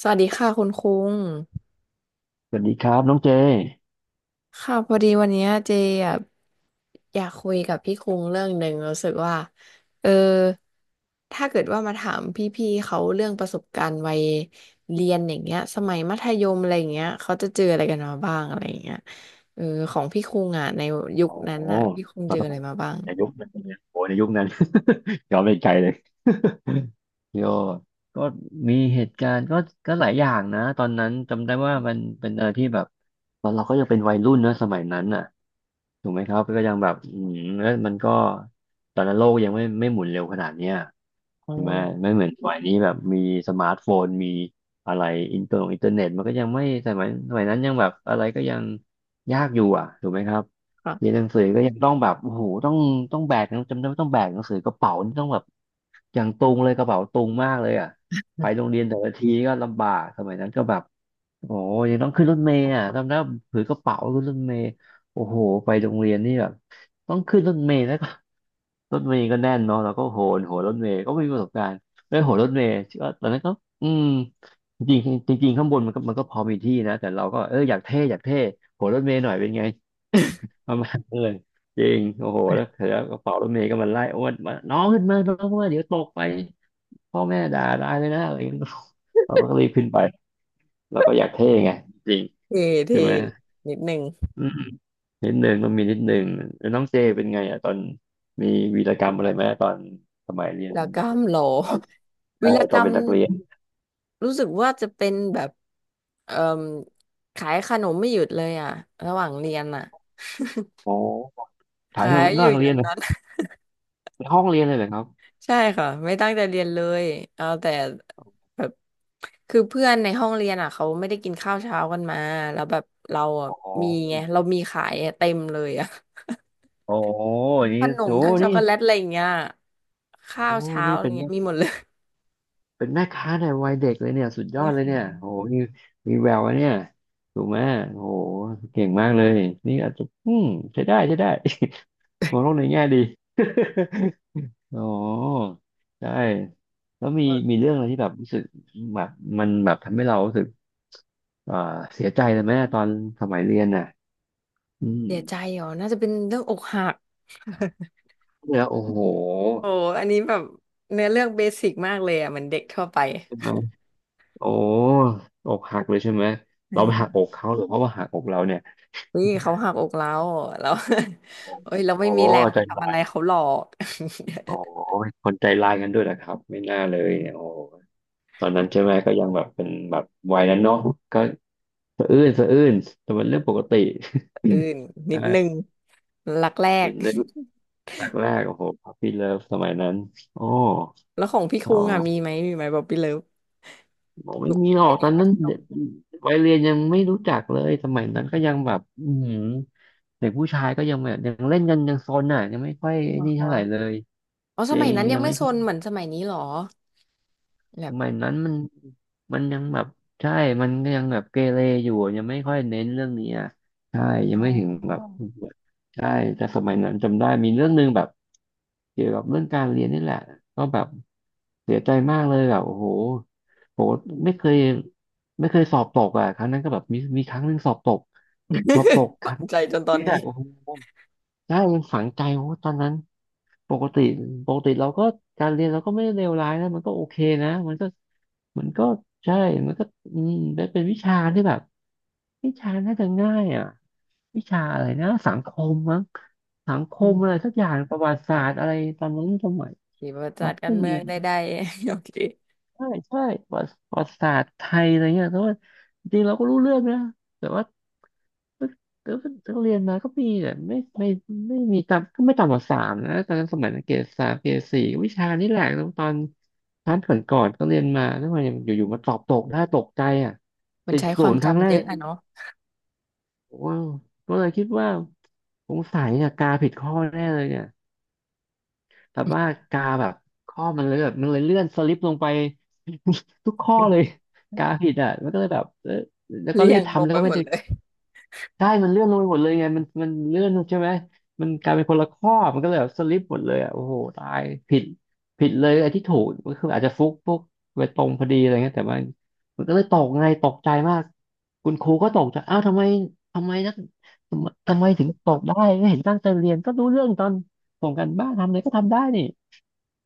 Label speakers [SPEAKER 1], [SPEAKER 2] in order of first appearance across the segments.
[SPEAKER 1] สวัสดีค่ะคุณคุ้ง
[SPEAKER 2] สวัสดีครับน้องเจ
[SPEAKER 1] ค่ะพอดีวันเนี้ยเจอะอยากคุยกับพี่คุ้งเรื่องหนึ่งรู้สึกว่าเออถ้าเกิดว่ามาถามพี่ๆเขาเรื่องประสบการณ์วัยเรียนอย่างเงี้ยสมัยมัธยมอะไรอย่างเงี้ยเขาจะเจออะไรกันมาบ้างอะไรอย่างเงี้ยเออของพี่คุ้งอ่ะในยุค
[SPEAKER 2] โอ้
[SPEAKER 1] นั้นอ่ะพี่คุ้งเจ
[SPEAKER 2] เรา
[SPEAKER 1] ออะไรมาบ้าง
[SPEAKER 2] ในยุคนั้นเนี่ยโอ้ในยุคนั้น ย้อนไปไกลเลย โยก็มีเหตุการณ์ก็หลายอย่างนะตอนนั้นจำได้ว่ามันเป็นอะไรที่แบบตอนเราก็ยังเป็นวัยรุ่นนะสมัยนั้นน่ะถูกไหมครับก็ยังแบบอืมแล้วมันก็ตอนนั้นโลกยังไม่หมุนเร็วขนาดเนี้ย
[SPEAKER 1] อ๋อ
[SPEAKER 2] ใช่ไหมไม่เหมือนสมัยนี้แบบมีสมาร์ทโฟนมีอะไรอินเทอร์เน็ตมันก็ยังไม่สมัยนั้นยังแบบอะไรก็ยังยากอยู่อ่ะถูกไหมครับ
[SPEAKER 1] ค่ะ
[SPEAKER 2] เรียนหนังสือก็ยังต้องแบบโอ้โหต้องแบกหนังจำได้ว่าต้องแบกหนังสือกระเป๋านี่ต้องแบบอย่างตุงเลยกระเป๋าตุงมากเลยอ่ะไปโรงเรียนแต่ละทีก็ลำบากสมัยนั้นก็แบบโอ้โหยังต้องขึ้นรถเมล์อ่ะจำได้ว่าถือกระเป๋าขึ้นรถเมล์โอ้โหไปโรงเรียนนี่แบบต้องขึ้นรถเมล์แล้วก็ รถเมล์ก็แน่นเนาะแล้วก็โหนรถเมล์ก็ไม่มีประสบการณ์ไม่โหนรถเมล์ก็ตอนนั้นก็อืมจริงๆจริงๆข้างบนมันก็พอมีที่นะแต่เราก็เอออยากเท่โหนรถเมล์หน่อยเป็นไง ประมาณนั้นเลยจริงโอ้โหแล้วเสร็จแล้วกระเป๋ารถเมล์ก็มันไล่อ้วนมาน้องขึ้นมาน้องขึ้นมาเดี๋ยวตกไปพ่อแม่ด่าตายเลยนะอะไรอย่างเงี้ยเราก็รีบขึ้นไปแล้วก็อยากเท่ไงจริง
[SPEAKER 1] เท่เท่
[SPEAKER 2] ใช่ไหม
[SPEAKER 1] นิดหนึ่ง
[SPEAKER 2] อืมนิดนึงต้องมีนิดนึงแล้วน้องเจเป็นไงอ่ะตอนมีวีรกรรมอะไรไหมตอนสมัยเรีย
[SPEAKER 1] วี
[SPEAKER 2] น
[SPEAKER 1] รก
[SPEAKER 2] มั
[SPEAKER 1] ร
[SPEAKER 2] ธ
[SPEAKER 1] รม
[SPEAKER 2] ยม
[SPEAKER 1] เหรอ
[SPEAKER 2] ตอน ใช่
[SPEAKER 1] วีร
[SPEAKER 2] ต
[SPEAKER 1] ก
[SPEAKER 2] อ
[SPEAKER 1] ร
[SPEAKER 2] น
[SPEAKER 1] ร
[SPEAKER 2] เป็
[SPEAKER 1] ม
[SPEAKER 2] นนักเรียน
[SPEAKER 1] รู้สึกว่าจะเป็นแบบเอ่มขายขนมไม่หยุดเลยอ่ะระหว่างเรียนอ่ะ
[SPEAKER 2] โอ้ถ่าย
[SPEAKER 1] ขา
[SPEAKER 2] รูป
[SPEAKER 1] ย
[SPEAKER 2] ห
[SPEAKER 1] อ
[SPEAKER 2] น้า
[SPEAKER 1] ยู่
[SPEAKER 2] โรง
[SPEAKER 1] อ
[SPEAKER 2] เรี
[SPEAKER 1] ย่า
[SPEAKER 2] ยน
[SPEAKER 1] ง
[SPEAKER 2] เหรอ
[SPEAKER 1] นั้น
[SPEAKER 2] ในห้องเรียนเลยเหรอครับ
[SPEAKER 1] ใช่ค่ะไม่ตั้งใจเรียนเลยเอาแต่แบบคือเพื่อนในห้องเรียนอ่ะเขาไม่ได้กินข้าวเช้ากันมาแล้วแบบเราอ่ะ
[SPEAKER 2] โอ้โห
[SPEAKER 1] มีไงเรามีขายอะเต็มเลยอ่ะ
[SPEAKER 2] โอ้โห นี่
[SPEAKER 1] ขนม
[SPEAKER 2] โอ้
[SPEAKER 1] ทั้งช็อก
[SPEAKER 2] นี่
[SPEAKER 1] โกแลตอะไรอย่างเงี้ย
[SPEAKER 2] โอ้
[SPEAKER 1] ข้า
[SPEAKER 2] โห
[SPEAKER 1] วเช้า
[SPEAKER 2] นี่
[SPEAKER 1] อะไร
[SPEAKER 2] เป็น
[SPEAKER 1] เงี้ยมีหมดเลย
[SPEAKER 2] เป็นแม่ค้าในวัยเด็กเลยเนี่ยสุด ยอ
[SPEAKER 1] เนี่
[SPEAKER 2] ด
[SPEAKER 1] ย
[SPEAKER 2] เลยเนี่ยโหมีแวววะเนี่ยถูกไหมโหเก่งมากเลยนี่อาจจะอืมใช้ได้ใช้ได้ มองโลกในแง่ดีอ๋อใช่แล้วมีเรื่องอะไรที่แบบรู้สึกแบบมันแบบทำให้เรารู้สึกเอ่อเสียใจเลยไหมตอนสมัยเรียนน่ะอืม
[SPEAKER 1] เสียใจเหรอน่าจะเป็นเรื่องอกหัก
[SPEAKER 2] เนี่ยโอ้โห
[SPEAKER 1] โอ้อันนี้แบบเนื้อเรื่องเบสิกมากเลยอ่ะเหมือนเด็กทั่วไป
[SPEAKER 2] ใช่ไหมโอ้อกหักเลยใช่ไหมเราไปหัก
[SPEAKER 1] เออ
[SPEAKER 2] อกเขาหรือเขาว่าหักอกเราเนี่ย
[SPEAKER 1] เฮ้ยเขาหักอกเราแล้ว เอ้ยเราไม่
[SPEAKER 2] โอ้
[SPEAKER 1] มี
[SPEAKER 2] โห
[SPEAKER 1] แรงไป
[SPEAKER 2] ใจ
[SPEAKER 1] ทำ
[SPEAKER 2] ร้า
[SPEAKER 1] อะไร
[SPEAKER 2] ย
[SPEAKER 1] เขาหรอก
[SPEAKER 2] โอ้ยคนใจร้ายกันด้วยนะครับไม่น่าเลยเนี่ยโอ้ตอนนั้นใช่ไหมก็ยังแบบเป็นแบบวัยนั้นเนาะก็สะอื้นสะอื้นแต่มันเรื่องปกติ
[SPEAKER 1] อื่น นิดนึง
[SPEAKER 2] ใช่
[SPEAKER 1] รักแร
[SPEAKER 2] นิ
[SPEAKER 1] ก
[SPEAKER 2] ดนึง แรกแรกโอ้โหพัฟฟี่เลิฟสมัยนั้นโอ้
[SPEAKER 1] แล้วของพี่คุ
[SPEAKER 2] เอา
[SPEAKER 1] งอ่ะ
[SPEAKER 2] ละ
[SPEAKER 1] มีไหมบอกพี่เลิฟ
[SPEAKER 2] บอกไม่
[SPEAKER 1] ลูก
[SPEAKER 2] มีหร
[SPEAKER 1] ไป
[SPEAKER 2] อกต
[SPEAKER 1] เรี
[SPEAKER 2] อ
[SPEAKER 1] ยน
[SPEAKER 2] น
[SPEAKER 1] มั
[SPEAKER 2] นั้น
[SPEAKER 1] ธย
[SPEAKER 2] เด็
[SPEAKER 1] ม
[SPEAKER 2] กวัยเรียนยังไม่รู้จักเลยสมัยนั้นก็ยังแบบอือหือเด็กผู้ชายก็ยังแบบยังเล่นกันยังซนอ่ะยังไม่ค่อย
[SPEAKER 1] นะ
[SPEAKER 2] นี่เท่าไหร่เล
[SPEAKER 1] คะ
[SPEAKER 2] ย
[SPEAKER 1] อ๋อ
[SPEAKER 2] จ
[SPEAKER 1] ส
[SPEAKER 2] ริ
[SPEAKER 1] มัย
[SPEAKER 2] ง
[SPEAKER 1] นั้นยั
[SPEAKER 2] ยั
[SPEAKER 1] ง
[SPEAKER 2] ง
[SPEAKER 1] ไม่
[SPEAKER 2] ไม่
[SPEAKER 1] ซ
[SPEAKER 2] ค่อ
[SPEAKER 1] นเหมือ
[SPEAKER 2] ย
[SPEAKER 1] นสมัยนี้หรอ
[SPEAKER 2] ส
[SPEAKER 1] แบบ
[SPEAKER 2] มัยนั้นมันยังแบบใช่มันก็ยังแบบเกเรอยู่ยังไม่ค่อยเน้นเรื่องนี้อ่ะใช่ยัง
[SPEAKER 1] อ๋
[SPEAKER 2] ไม่ถึงแบบ
[SPEAKER 1] อ
[SPEAKER 2] ใช่แต่สมัยนั้นจำได้มีเรื่องหนึงแบบเกี่ยวกับเรื่องการเรียนนี่แหละก็แบบเสียใจมากเลยแบบโอ้โหโหไม่เคยสอบตกอ่ะครั้งนั้นก็แบบมีครั้งหนึงสอบตกสอบตก ค
[SPEAKER 1] ฝั
[SPEAKER 2] รั้ง
[SPEAKER 1] ง
[SPEAKER 2] แร
[SPEAKER 1] ใจ
[SPEAKER 2] กใน
[SPEAKER 1] จนตอ
[SPEAKER 2] ชี
[SPEAKER 1] น
[SPEAKER 2] วิต
[SPEAKER 1] นี้
[SPEAKER 2] อะโอ้โห ใช่มันฝังใจโอ้ตอนนั้นปกติเราก็การเรียนเราก็ไม่ได้เลวร้ายนะ มันก็โอเคนะมันก็มันก็ใช่ มันก็อืมได้เป็นวิชาที่แบบวิชาน่าจะง่ายอ่ะวิชาอะไรนะสังคมมั้งสังค
[SPEAKER 1] อื
[SPEAKER 2] ม
[SPEAKER 1] ม
[SPEAKER 2] อะไรสักอย่างประวัติศา
[SPEAKER 1] ค่ะ
[SPEAKER 2] สตร์อะไรตอนนั้นสมัย
[SPEAKER 1] ขี่ประจั
[SPEAKER 2] เรา
[SPEAKER 1] ด
[SPEAKER 2] ก็
[SPEAKER 1] กา
[SPEAKER 2] ไป
[SPEAKER 1] รเมื
[SPEAKER 2] เรี
[SPEAKER 1] อง
[SPEAKER 2] ยน
[SPEAKER 1] ได้ๆ โอเค
[SPEAKER 2] ใช่ใช่ประวัติศาสตร์ไทยอะไรเงี้ยแต่ว่าจริงๆเราก็รู้เรื่องนะแต่ว่าแต่ว่าแต่ว่าเรียนมาก็มีแต่ไม่ไม่มีต่ำก็ไม่ต่ำกว่าสามนะตอนนั้นสมัยเกรดสามเกรดสี่วิชานี่แหละแล้วตอนชั้นก่อนก็เรียนมาแล้วมันอยู่ๆมาสอบตกได้ตกใจอ่ะ
[SPEAKER 1] มัน
[SPEAKER 2] ติด
[SPEAKER 1] ใช้ค
[SPEAKER 2] ศู
[SPEAKER 1] วาม
[SPEAKER 2] นย์ครั้งแร
[SPEAKER 1] จำ
[SPEAKER 2] ก
[SPEAKER 1] เย
[SPEAKER 2] ใน
[SPEAKER 1] อะ
[SPEAKER 2] ชี
[SPEAKER 1] อะ
[SPEAKER 2] วิต
[SPEAKER 1] เนาะ
[SPEAKER 2] โอ้โหก็เลยคิดว่าสงสัยเนี่ยกาผิดข้อแน่เลยเนี่ย แบบว่ากาแบบข้อมันเลยแบบมันเลยเลื่อนสลิปลงไป ทุกข้อเลยกาผิ ดอ่ะมันก็เลยแบบเออแล้วก็
[SPEAKER 1] เลี่
[SPEAKER 2] รี
[SPEAKER 1] ย
[SPEAKER 2] บ
[SPEAKER 1] งล
[SPEAKER 2] ทำ
[SPEAKER 1] ง
[SPEAKER 2] แล้ว
[SPEAKER 1] ไป
[SPEAKER 2] ก็
[SPEAKER 1] ห
[SPEAKER 2] ไม่
[SPEAKER 1] มด
[SPEAKER 2] ได้
[SPEAKER 1] เลย
[SPEAKER 2] ใช่มันเลื่อนลงไปหมดเลยไงมันเลื่อนใช่ไหมมันกลายเป็นคนละข้อมันก็เลยแบบสลิปหมดเลยอ่ะโอ้โหตายผิดเลยไอ้ที่ถูกก็คืออาจจะฟุกไปตรงพอดีอะไรเงี้ยแต่ว่ามันก็เลยตกไงตกใจมากคุณครูก็ตกใจอ้าวทำไมทำไมนักทำไมถึงตกได้ไม่เห็นตั้งใจเรียนก็รู้เรื่องตอนส่งกันบ้านทำอะไรก็ทำได้นี่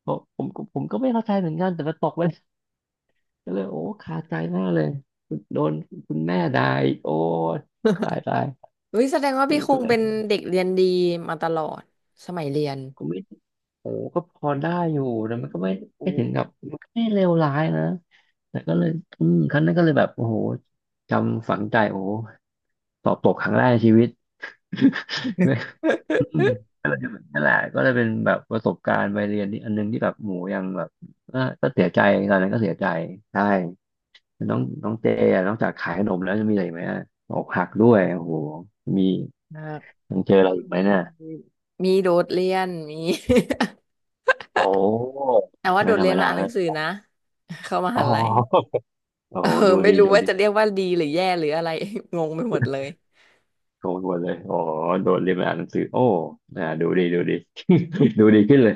[SPEAKER 2] บอกผมก็ไม่เข้าใจเหมือนกันแต่มันตกไป ก็เลยโอ้คาใจมากเลยโดนคุณแม่ด่าอีกโอ้ยตายตาย
[SPEAKER 1] เฮ้ยแสดงว่า
[SPEAKER 2] มั
[SPEAKER 1] พี่
[SPEAKER 2] น
[SPEAKER 1] ค
[SPEAKER 2] ก็
[SPEAKER 1] ง
[SPEAKER 2] เลย
[SPEAKER 1] เป็นเด็กเรียนดีมาตลอดสมัยเรียน
[SPEAKER 2] ก็ไม่โอ้ก็พอได้อยู่แต่มันก็
[SPEAKER 1] โอ้
[SPEAKER 2] ไม่ถึงกับมันก็ไม่เลวร้ายนะแต่ก็เลยอืมครั้งนั้นก็เลยแบบโอ้โหจำฝังใจโอ้โหสอบตกครั้งแรกในชีวิต อืม นั่นแหละก็เลยเป็นแบบประสบการณ์ไปเรียนนี่อันนึงที่แบบหมูยังแบบอ่ะก็เสียใจตอนนั้นก็เสียใจใช่ น้องน้องเจอ่ะนอกจากขายขนมแล้วจะมีอะไรอีกไหมอะอกหักด้วยโอ้โหมี
[SPEAKER 1] มาก
[SPEAKER 2] ยัง
[SPEAKER 1] แล้
[SPEAKER 2] เจ
[SPEAKER 1] ว
[SPEAKER 2] ออะ
[SPEAKER 1] ก็
[SPEAKER 2] ไรอีกไหม
[SPEAKER 1] มี
[SPEAKER 2] เนี่ย
[SPEAKER 1] มีโดดเรียน มี
[SPEAKER 2] โอ้
[SPEAKER 1] แต่ว่าโด
[SPEAKER 2] ไม่
[SPEAKER 1] ด
[SPEAKER 2] ธร
[SPEAKER 1] เรี
[SPEAKER 2] ร
[SPEAKER 1] ย
[SPEAKER 2] ม
[SPEAKER 1] นมา
[SPEAKER 2] ดา
[SPEAKER 1] อ่านห
[SPEAKER 2] แล้
[SPEAKER 1] นั
[SPEAKER 2] ว
[SPEAKER 1] งสือนะ เข้าม
[SPEAKER 2] อ๋อ
[SPEAKER 1] หาลัย
[SPEAKER 2] โอ้
[SPEAKER 1] เออ
[SPEAKER 2] โหดู
[SPEAKER 1] ไม่
[SPEAKER 2] ดี
[SPEAKER 1] รู้
[SPEAKER 2] ดู
[SPEAKER 1] ว่า
[SPEAKER 2] ดี
[SPEAKER 1] จะเรียกว่าดีหรือแย่หรืออะไร งงไปหมดเลย
[SPEAKER 2] โชวหมดเลย โอ้โหโดนเรียนมาอ่านหนังสือโอ้ดูดี ดูดีขึ้นเลย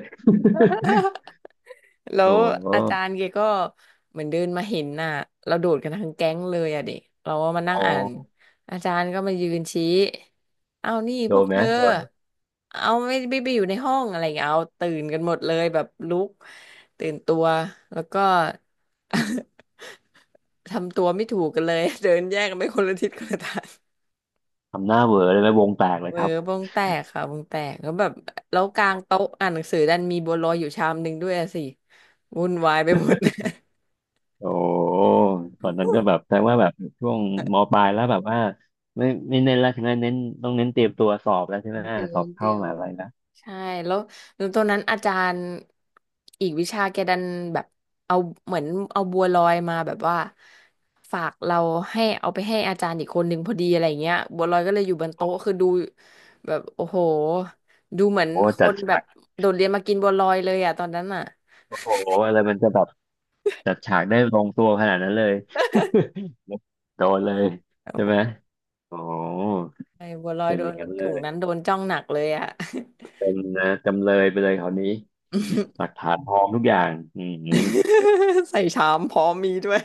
[SPEAKER 1] แล้
[SPEAKER 2] โอ้
[SPEAKER 1] ว
[SPEAKER 2] โห
[SPEAKER 1] อาจารย์แกก็เหมือนเดินมาเห็นน่ะเราโดดกันทั้งแก๊งเลยอะเด็กเราก็มานั่
[SPEAKER 2] อ๋
[SPEAKER 1] ง
[SPEAKER 2] อ
[SPEAKER 1] อ่านอาจารย์ก็มายืนชี้เอานี่
[SPEAKER 2] โด
[SPEAKER 1] พวก
[SPEAKER 2] นไห
[SPEAKER 1] เธ
[SPEAKER 2] ม
[SPEAKER 1] อ
[SPEAKER 2] โดน
[SPEAKER 1] เอาไม่ไปอยู่ในห้องอะไรอย่างเงี้ยเอาตื่นกันหมดเลยแบบลุกตื่นตัวแล้วก็ ทำตัวไม่ถูกกันเลย เดินแยกกันไปคนละทิศคนละทาง
[SPEAKER 2] ทำหน้าเหวอเลยไหมวงแตกเล
[SPEAKER 1] เอ
[SPEAKER 2] ย
[SPEAKER 1] อ
[SPEAKER 2] ครับ
[SPEAKER 1] วงแตกค่ะวงแตกแล้วแบบแล้วกลางโต๊ะอ่านหนังสือดันมีบัวลอยอยู่ชามหนึ่งด้วยอะสิวุ่นวายไปหมด
[SPEAKER 2] โอ้ตอนนั้นก็แบบแปลว่าแบบช่วงมปลายแล้วแบบว่าไม่ไม่เน้นแล้วถึงนั้นเน้นต้องเน้นเตรียมตัวสอบแล้วใช่ไหม
[SPEAKER 1] เดีย
[SPEAKER 2] ส
[SPEAKER 1] ว
[SPEAKER 2] อบ
[SPEAKER 1] เดี
[SPEAKER 2] เข้า
[SPEAKER 1] ย
[SPEAKER 2] ม
[SPEAKER 1] ว
[SPEAKER 2] หาอะไรนะ
[SPEAKER 1] ใช่แล้วแล้วตอนนั้นอาจารย์อีกวิชาแกดันแบบเอาเหมือนเอาบัวลอยมาแบบว่าฝากเราให้เอาไปให้อาจารย์อีกคนหนึ่งพอดีอะไรเงี้ยบัวลอยก็เลยอยู่บนโต๊ะคือดูแบบโอ้โหดูเหมือน
[SPEAKER 2] โอ้
[SPEAKER 1] ค
[SPEAKER 2] จัด
[SPEAKER 1] นแบ
[SPEAKER 2] ฉา
[SPEAKER 1] บ
[SPEAKER 2] ก
[SPEAKER 1] โดดเรียนมากินบัวลอยเลยอ่ะตอนนั้นอ่ะ
[SPEAKER 2] โอ้โหอะไรมันจะแบบจัดฉากได้ลงตัวขนาดนั้นเลย โดนเลยใช่ไหม
[SPEAKER 1] โอ้
[SPEAKER 2] โอ้
[SPEAKER 1] ใช่บัวลอย
[SPEAKER 2] เป็น
[SPEAKER 1] โด
[SPEAKER 2] อย่า
[SPEAKER 1] น
[SPEAKER 2] งนั้นเล
[SPEAKER 1] ถุง
[SPEAKER 2] ย
[SPEAKER 1] นั้นโดนจ้องหนักเลยอ่ะ
[SPEAKER 2] เป็นนะจำเลยไปเลยคราวนี้หลักฐานพร้อมทุกอย่างอืม
[SPEAKER 1] ใส่ชามพร้อมมีด้วย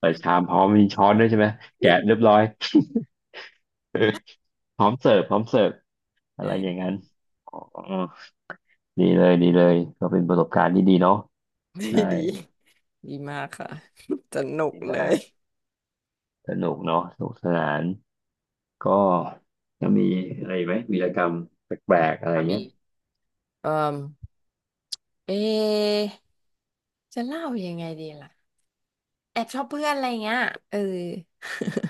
[SPEAKER 2] ใส่ชามพร้อมมี ช้
[SPEAKER 1] ช้
[SPEAKER 2] อ
[SPEAKER 1] อ
[SPEAKER 2] นด้
[SPEAKER 1] น
[SPEAKER 2] วยใช่ไหมแกะเรียบร้อย พร้อมเสิร์ฟอะ
[SPEAKER 1] ใช
[SPEAKER 2] ไรอย่าง
[SPEAKER 1] ่
[SPEAKER 2] นั้นอ๋อ ดีเลยก็เป็นประสบการณ์ที่ดีเนาะ
[SPEAKER 1] ไม่
[SPEAKER 2] ใช่
[SPEAKER 1] ดี ดีมากค่ะ สนุก
[SPEAKER 2] ดี
[SPEAKER 1] เล
[SPEAKER 2] มา
[SPEAKER 1] ย
[SPEAKER 2] กสนุกเนาะสนุกสนานก็ยังมีอะไรอีกไหมวีรกรรมแปลกๆอะไร
[SPEAKER 1] ค่ะ
[SPEAKER 2] เงี้
[SPEAKER 1] มี
[SPEAKER 2] ย
[SPEAKER 1] เอ่อเอะจะเล่ายังไงดีล่ะแอบชอบเพื่อนอะไรเงี้ยเออ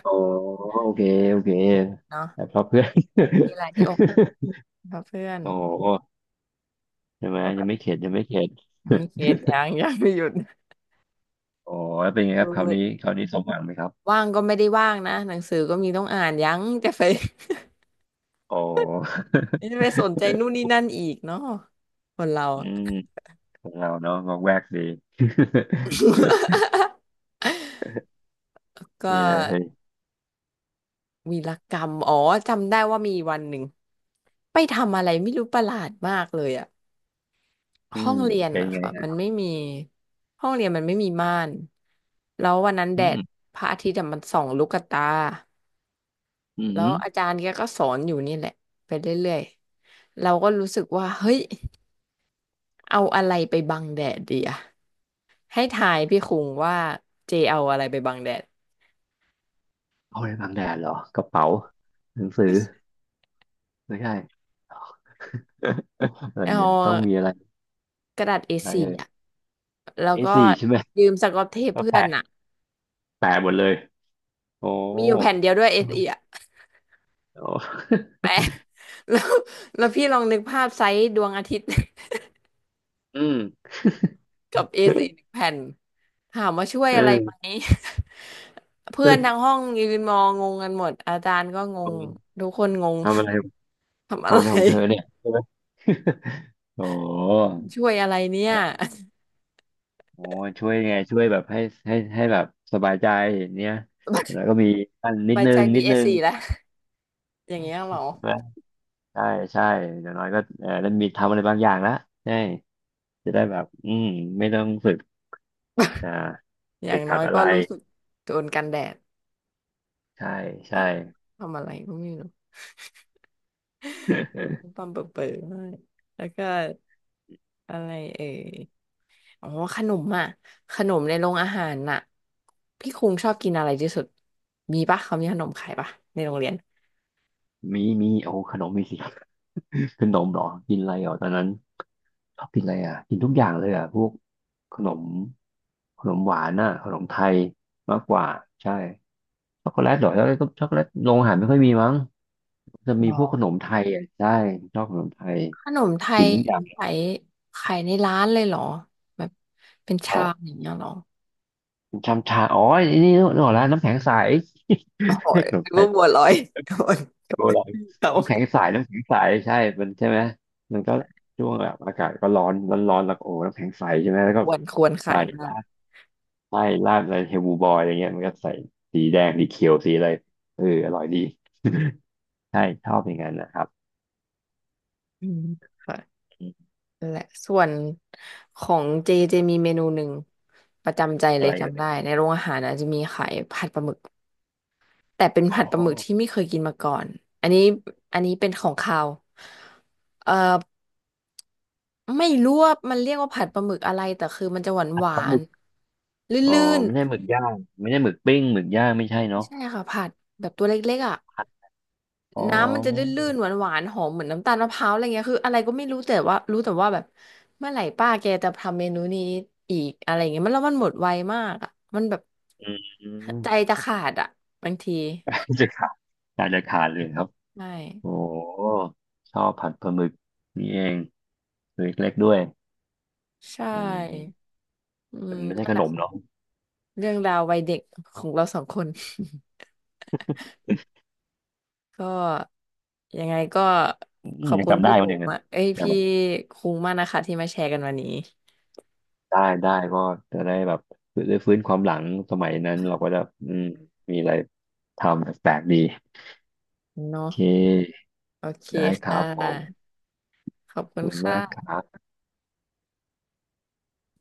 [SPEAKER 2] อ๋อโอเคโอเคแต่
[SPEAKER 1] เนาะ
[SPEAKER 2] เพราะเพื่อน
[SPEAKER 1] มีอะไรที่อกหัก เพราะเพื่อน
[SPEAKER 2] โอ้โหใช่ไหม
[SPEAKER 1] แล้วแบ
[SPEAKER 2] ยัง
[SPEAKER 1] บ
[SPEAKER 2] ไม่เข็ดยังไม่เข็ด
[SPEAKER 1] ยังไม่เค สยังไม่หยุด
[SPEAKER 2] อ๋อแล้วเป็นไงค
[SPEAKER 1] คื
[SPEAKER 2] รับคราวนี้
[SPEAKER 1] อ
[SPEAKER 2] คราวนี้สมหวังไหมครับ
[SPEAKER 1] ว่างก็ไม่ได้ว่างนะหนังสือก็มีต้องอ่านยังจะไป
[SPEAKER 2] อ๋อ
[SPEAKER 1] จะไปสนใจนู่นนี่นั่นอีกเนาะคนเรา
[SPEAKER 2] อืมของเราเนาะงอกแวกดี
[SPEAKER 1] ก็
[SPEAKER 2] ดีเลย
[SPEAKER 1] วีรกรรมอ๋อจำได้ว่ามีวันหนึ่งไปทำอะไรไม่รู้ประหลาดมากเลยอะ
[SPEAKER 2] อื
[SPEAKER 1] ห้อ
[SPEAKER 2] ม
[SPEAKER 1] งเรียน
[SPEAKER 2] เป็น
[SPEAKER 1] อะ
[SPEAKER 2] ไง
[SPEAKER 1] ค่ะมัน
[SPEAKER 2] ฮะ
[SPEAKER 1] ไม่มีห้องเรียนมันไม่มีม่านแล้ววันนั้นแด
[SPEAKER 2] อื
[SPEAKER 1] ด
[SPEAKER 2] ม
[SPEAKER 1] พระอาทิตย์อะมันส่องลูกตา
[SPEAKER 2] อื
[SPEAKER 1] แล้วอา
[SPEAKER 2] ม
[SPEAKER 1] จารย์แกก็สอนอยู่นี่แหละไปเรื่อยๆเราก็รู้สึกว่าเฮ้ยเอาอะไรไปบังแดดดีอะให้ทายพี่คุงว่าเจเอาอะไรไปบังแดด
[SPEAKER 2] เอาไว้บังแดดเหรอกระเป๋าหนังสือไม่ใช่ อะไร
[SPEAKER 1] เอ
[SPEAKER 2] เนี่ยต้องมี
[SPEAKER 1] า
[SPEAKER 2] อะไร
[SPEAKER 1] กระดาษเอ
[SPEAKER 2] อะไร
[SPEAKER 1] สี่
[SPEAKER 2] เอ่ย
[SPEAKER 1] อะแล้ว
[SPEAKER 2] เอ
[SPEAKER 1] ก็
[SPEAKER 2] สี่ใช่ไหม
[SPEAKER 1] ยืมสก๊อตเทป
[SPEAKER 2] ก็
[SPEAKER 1] เพื่อ
[SPEAKER 2] แปะ
[SPEAKER 1] นอะ
[SPEAKER 2] แปะหมดเลยโอ้
[SPEAKER 1] มีอยู่แผ่นเดียวด้วยเอ
[SPEAKER 2] ใช่ไหม
[SPEAKER 1] สี่อะ
[SPEAKER 2] โอ้
[SPEAKER 1] แปะ แล้วแล้วพี่ลองนึกภาพไซส์ดวงอาทิตย์
[SPEAKER 2] อืม
[SPEAKER 1] กับ a ีหนึ่งแผ่นถามว่าช่วย
[SPEAKER 2] เอ
[SPEAKER 1] อะไรไหม
[SPEAKER 2] อ
[SPEAKER 1] เพื่อนทั้งห้องยืนมองงงกันหมดอาจารย์ก็งง ทุกคนงง
[SPEAKER 2] ทำอะไร
[SPEAKER 1] ทำอะ
[SPEAKER 2] ทำ
[SPEAKER 1] ไร
[SPEAKER 2] อะไรของเธอเนี่ยใช่ไหม โอ้
[SPEAKER 1] ช่วยอะไรเนี่ย
[SPEAKER 2] โอ้ช่วยไงช่วยแบบให้ให้แบบสบายใจเนี่ยแล้ว ก็มีอันนิ
[SPEAKER 1] ใบ
[SPEAKER 2] ดนึ
[SPEAKER 1] ใจ
[SPEAKER 2] ง
[SPEAKER 1] ดี
[SPEAKER 2] นิด
[SPEAKER 1] เอ
[SPEAKER 2] นึ
[SPEAKER 1] ส
[SPEAKER 2] ง
[SPEAKER 1] ซี่แล้ว อย่างเงี้ย
[SPEAKER 2] ใ
[SPEAKER 1] เหรอ
[SPEAKER 2] ช่ไหม ใช่ใช่อย่างน้อยก็เออได้มีทำอะไรบางอย่างละใช่จะได้แบบอืมไม่ต้องฝึกอ่า
[SPEAKER 1] อย่า
[SPEAKER 2] ติ
[SPEAKER 1] ง
[SPEAKER 2] ด
[SPEAKER 1] น้
[SPEAKER 2] ขั
[SPEAKER 1] อ
[SPEAKER 2] ด
[SPEAKER 1] ย
[SPEAKER 2] อะ
[SPEAKER 1] ก็
[SPEAKER 2] ไร
[SPEAKER 1] รู้สึกโดนกันแดด
[SPEAKER 2] ใช่ ใช่
[SPEAKER 1] มากทำอะไรก็ไม่รู้ ปั่มเปิดมากแล้วก็อะไรเอ่ยอ๋อขนมอ่ะขนมในโรงอาหารน่ะพี่คุงชอบกินอะไรที่สุดมีปะเขามีขนมขายปะในโรงเรียน
[SPEAKER 2] มีโอ้ขนมมีสิ ขนมเหรอกินอะไรเหรอตอนนั้นชอบกินอะไรอ่ะกินทุกอย่างเลยอ่ะพวกขนมหวานอ่ะขนมไทยมากกว่าใช่ช็อกโกแลตเหรอช็อกโกแลตก็ช็อกโกแลตโรงอาหารไม่ค่อยมีมั้งจะ
[SPEAKER 1] ห
[SPEAKER 2] มี
[SPEAKER 1] รอ
[SPEAKER 2] พวกขนมไทยอ่ะใช่ชอบขนมไทย
[SPEAKER 1] ขนมไท
[SPEAKER 2] กิ
[SPEAKER 1] ย
[SPEAKER 2] นทุกอย่าง
[SPEAKER 1] ขายขายในร้านเลยเหรอแบบเป็นชามอย่างเงี้ยเหรอ
[SPEAKER 2] ชามชาอ๋อไอ้นี่นึกออกแล้วน้ำแข็งใส
[SPEAKER 1] โอ้
[SPEAKER 2] เรีย
[SPEAKER 1] ย
[SPEAKER 2] กขน
[SPEAKER 1] ห
[SPEAKER 2] ม
[SPEAKER 1] รือ
[SPEAKER 2] ไท
[SPEAKER 1] ว่า
[SPEAKER 2] ย
[SPEAKER 1] บัวลอยโดนโด
[SPEAKER 2] โบ
[SPEAKER 1] น
[SPEAKER 2] ราณ
[SPEAKER 1] เขา
[SPEAKER 2] น้ำแข็งใสใช่มันใช่ไหมมันก็ช่วงแบบอากาศก็ร้อนแล้วก็โอ้น้ำแข็งใสใช่ไหมแล้ว
[SPEAKER 1] ค
[SPEAKER 2] ก็
[SPEAKER 1] วรควรขา
[SPEAKER 2] ใส่
[SPEAKER 1] ยมา
[SPEAKER 2] รา
[SPEAKER 1] ก
[SPEAKER 2] ดใส่ราดอะไรเฮลบูบอยอะไรเงี้ยมันก็ใส่สีแดงสีเขียวสีอะไรเอออร่อยดี ใช่ชอบอย่างนั้นนะครับ
[SPEAKER 1] อืมค่ะ
[SPEAKER 2] อม
[SPEAKER 1] นั่นแหละส่วนของเจเจมีเมนูหนึ่งประจำใจเล
[SPEAKER 2] อะ
[SPEAKER 1] ย
[SPEAKER 2] ไร
[SPEAKER 1] จำ
[SPEAKER 2] อะ่
[SPEAKER 1] ได้
[SPEAKER 2] ร
[SPEAKER 1] ในโรงอาหารนะจะมีขายผัดปลาหมึกแต่เป็น
[SPEAKER 2] อ๋อ
[SPEAKER 1] ผัดปลาหมึกที่ไม่เคยกินมาก่อนอันนี้อันนี้เป็นของคาวเอ่อไม่รู้ว่ามันเรียกว่าผัดปลาหมึกอะไรแต่คือมันจะหวาน
[SPEAKER 2] ผั
[SPEAKER 1] ห
[SPEAKER 2] ด
[SPEAKER 1] วา
[SPEAKER 2] ปลาห
[SPEAKER 1] น
[SPEAKER 2] มึก
[SPEAKER 1] ล
[SPEAKER 2] อ๋อ
[SPEAKER 1] ื่น
[SPEAKER 2] ไม่
[SPEAKER 1] ๆ
[SPEAKER 2] ใช่หมึกย่าง ไม่ใช่หมึกปิ้งหมึกย่างไม่ใช่เนาะ
[SPEAKER 1] ใช่ค่ะผัดแบบตัวเล็กๆอ่ะ
[SPEAKER 2] ผัดอ๋อ
[SPEAKER 1] น้ำมันจะลื่นๆหวานๆหอมเหมือนน้ำตาลมะพร้าวอะไรเงี้ยคืออะไรก็ไม่รู้แต่ว่ารู้แต่ว่าแบบเมื่อไหร่ป้าแกจะทำเมนูนี้อีกอะไรเงี้ยมันแล้วมันหมดไวมากอ่ะมันแบบ
[SPEAKER 2] อืม
[SPEAKER 1] ใจจะขาดอ่ะบางที
[SPEAKER 2] จะขาดน่าจะขาดเลยครับ
[SPEAKER 1] ใช่
[SPEAKER 2] โอ้ชอบผัดปลาหมึกนี่เองตัวเล็กๆด้วย
[SPEAKER 1] ใช
[SPEAKER 2] อื
[SPEAKER 1] ่
[SPEAKER 2] ม
[SPEAKER 1] อื
[SPEAKER 2] แต่
[SPEAKER 1] ม
[SPEAKER 2] มันไม่ใช่
[SPEAKER 1] นั่น
[SPEAKER 2] ข
[SPEAKER 1] แหละ
[SPEAKER 2] นมเนาะ
[SPEAKER 1] ค่ะเรื่องราววัยเด็กของเราสองคน ก็ยังไงก็
[SPEAKER 2] อื
[SPEAKER 1] ข
[SPEAKER 2] ม
[SPEAKER 1] อบ
[SPEAKER 2] ยัง
[SPEAKER 1] คุณ
[SPEAKER 2] จำได้
[SPEAKER 1] พี่โบ
[SPEAKER 2] วันอย่างนั้น
[SPEAKER 1] มากเอ้ย
[SPEAKER 2] จำ
[SPEAKER 1] พี่
[SPEAKER 2] แบบ
[SPEAKER 1] คุ้งมากนะคะที่มาแชร์กันวันนี้
[SPEAKER 2] ได้ก็จะได้แบบได้ฟื้นความหลังสมัยนั้นเราก็จะอืมมีอะไรทำแปลกๆดีโอ
[SPEAKER 1] เนาะ
[SPEAKER 2] เค
[SPEAKER 1] โอเค
[SPEAKER 2] ได้ค
[SPEAKER 1] ค่
[SPEAKER 2] รับผม
[SPEAKER 1] ะ ขอ
[SPEAKER 2] ข
[SPEAKER 1] บ
[SPEAKER 2] อบ
[SPEAKER 1] คุณ
[SPEAKER 2] คุณมากค
[SPEAKER 1] ค่ะ
[SPEAKER 2] รับ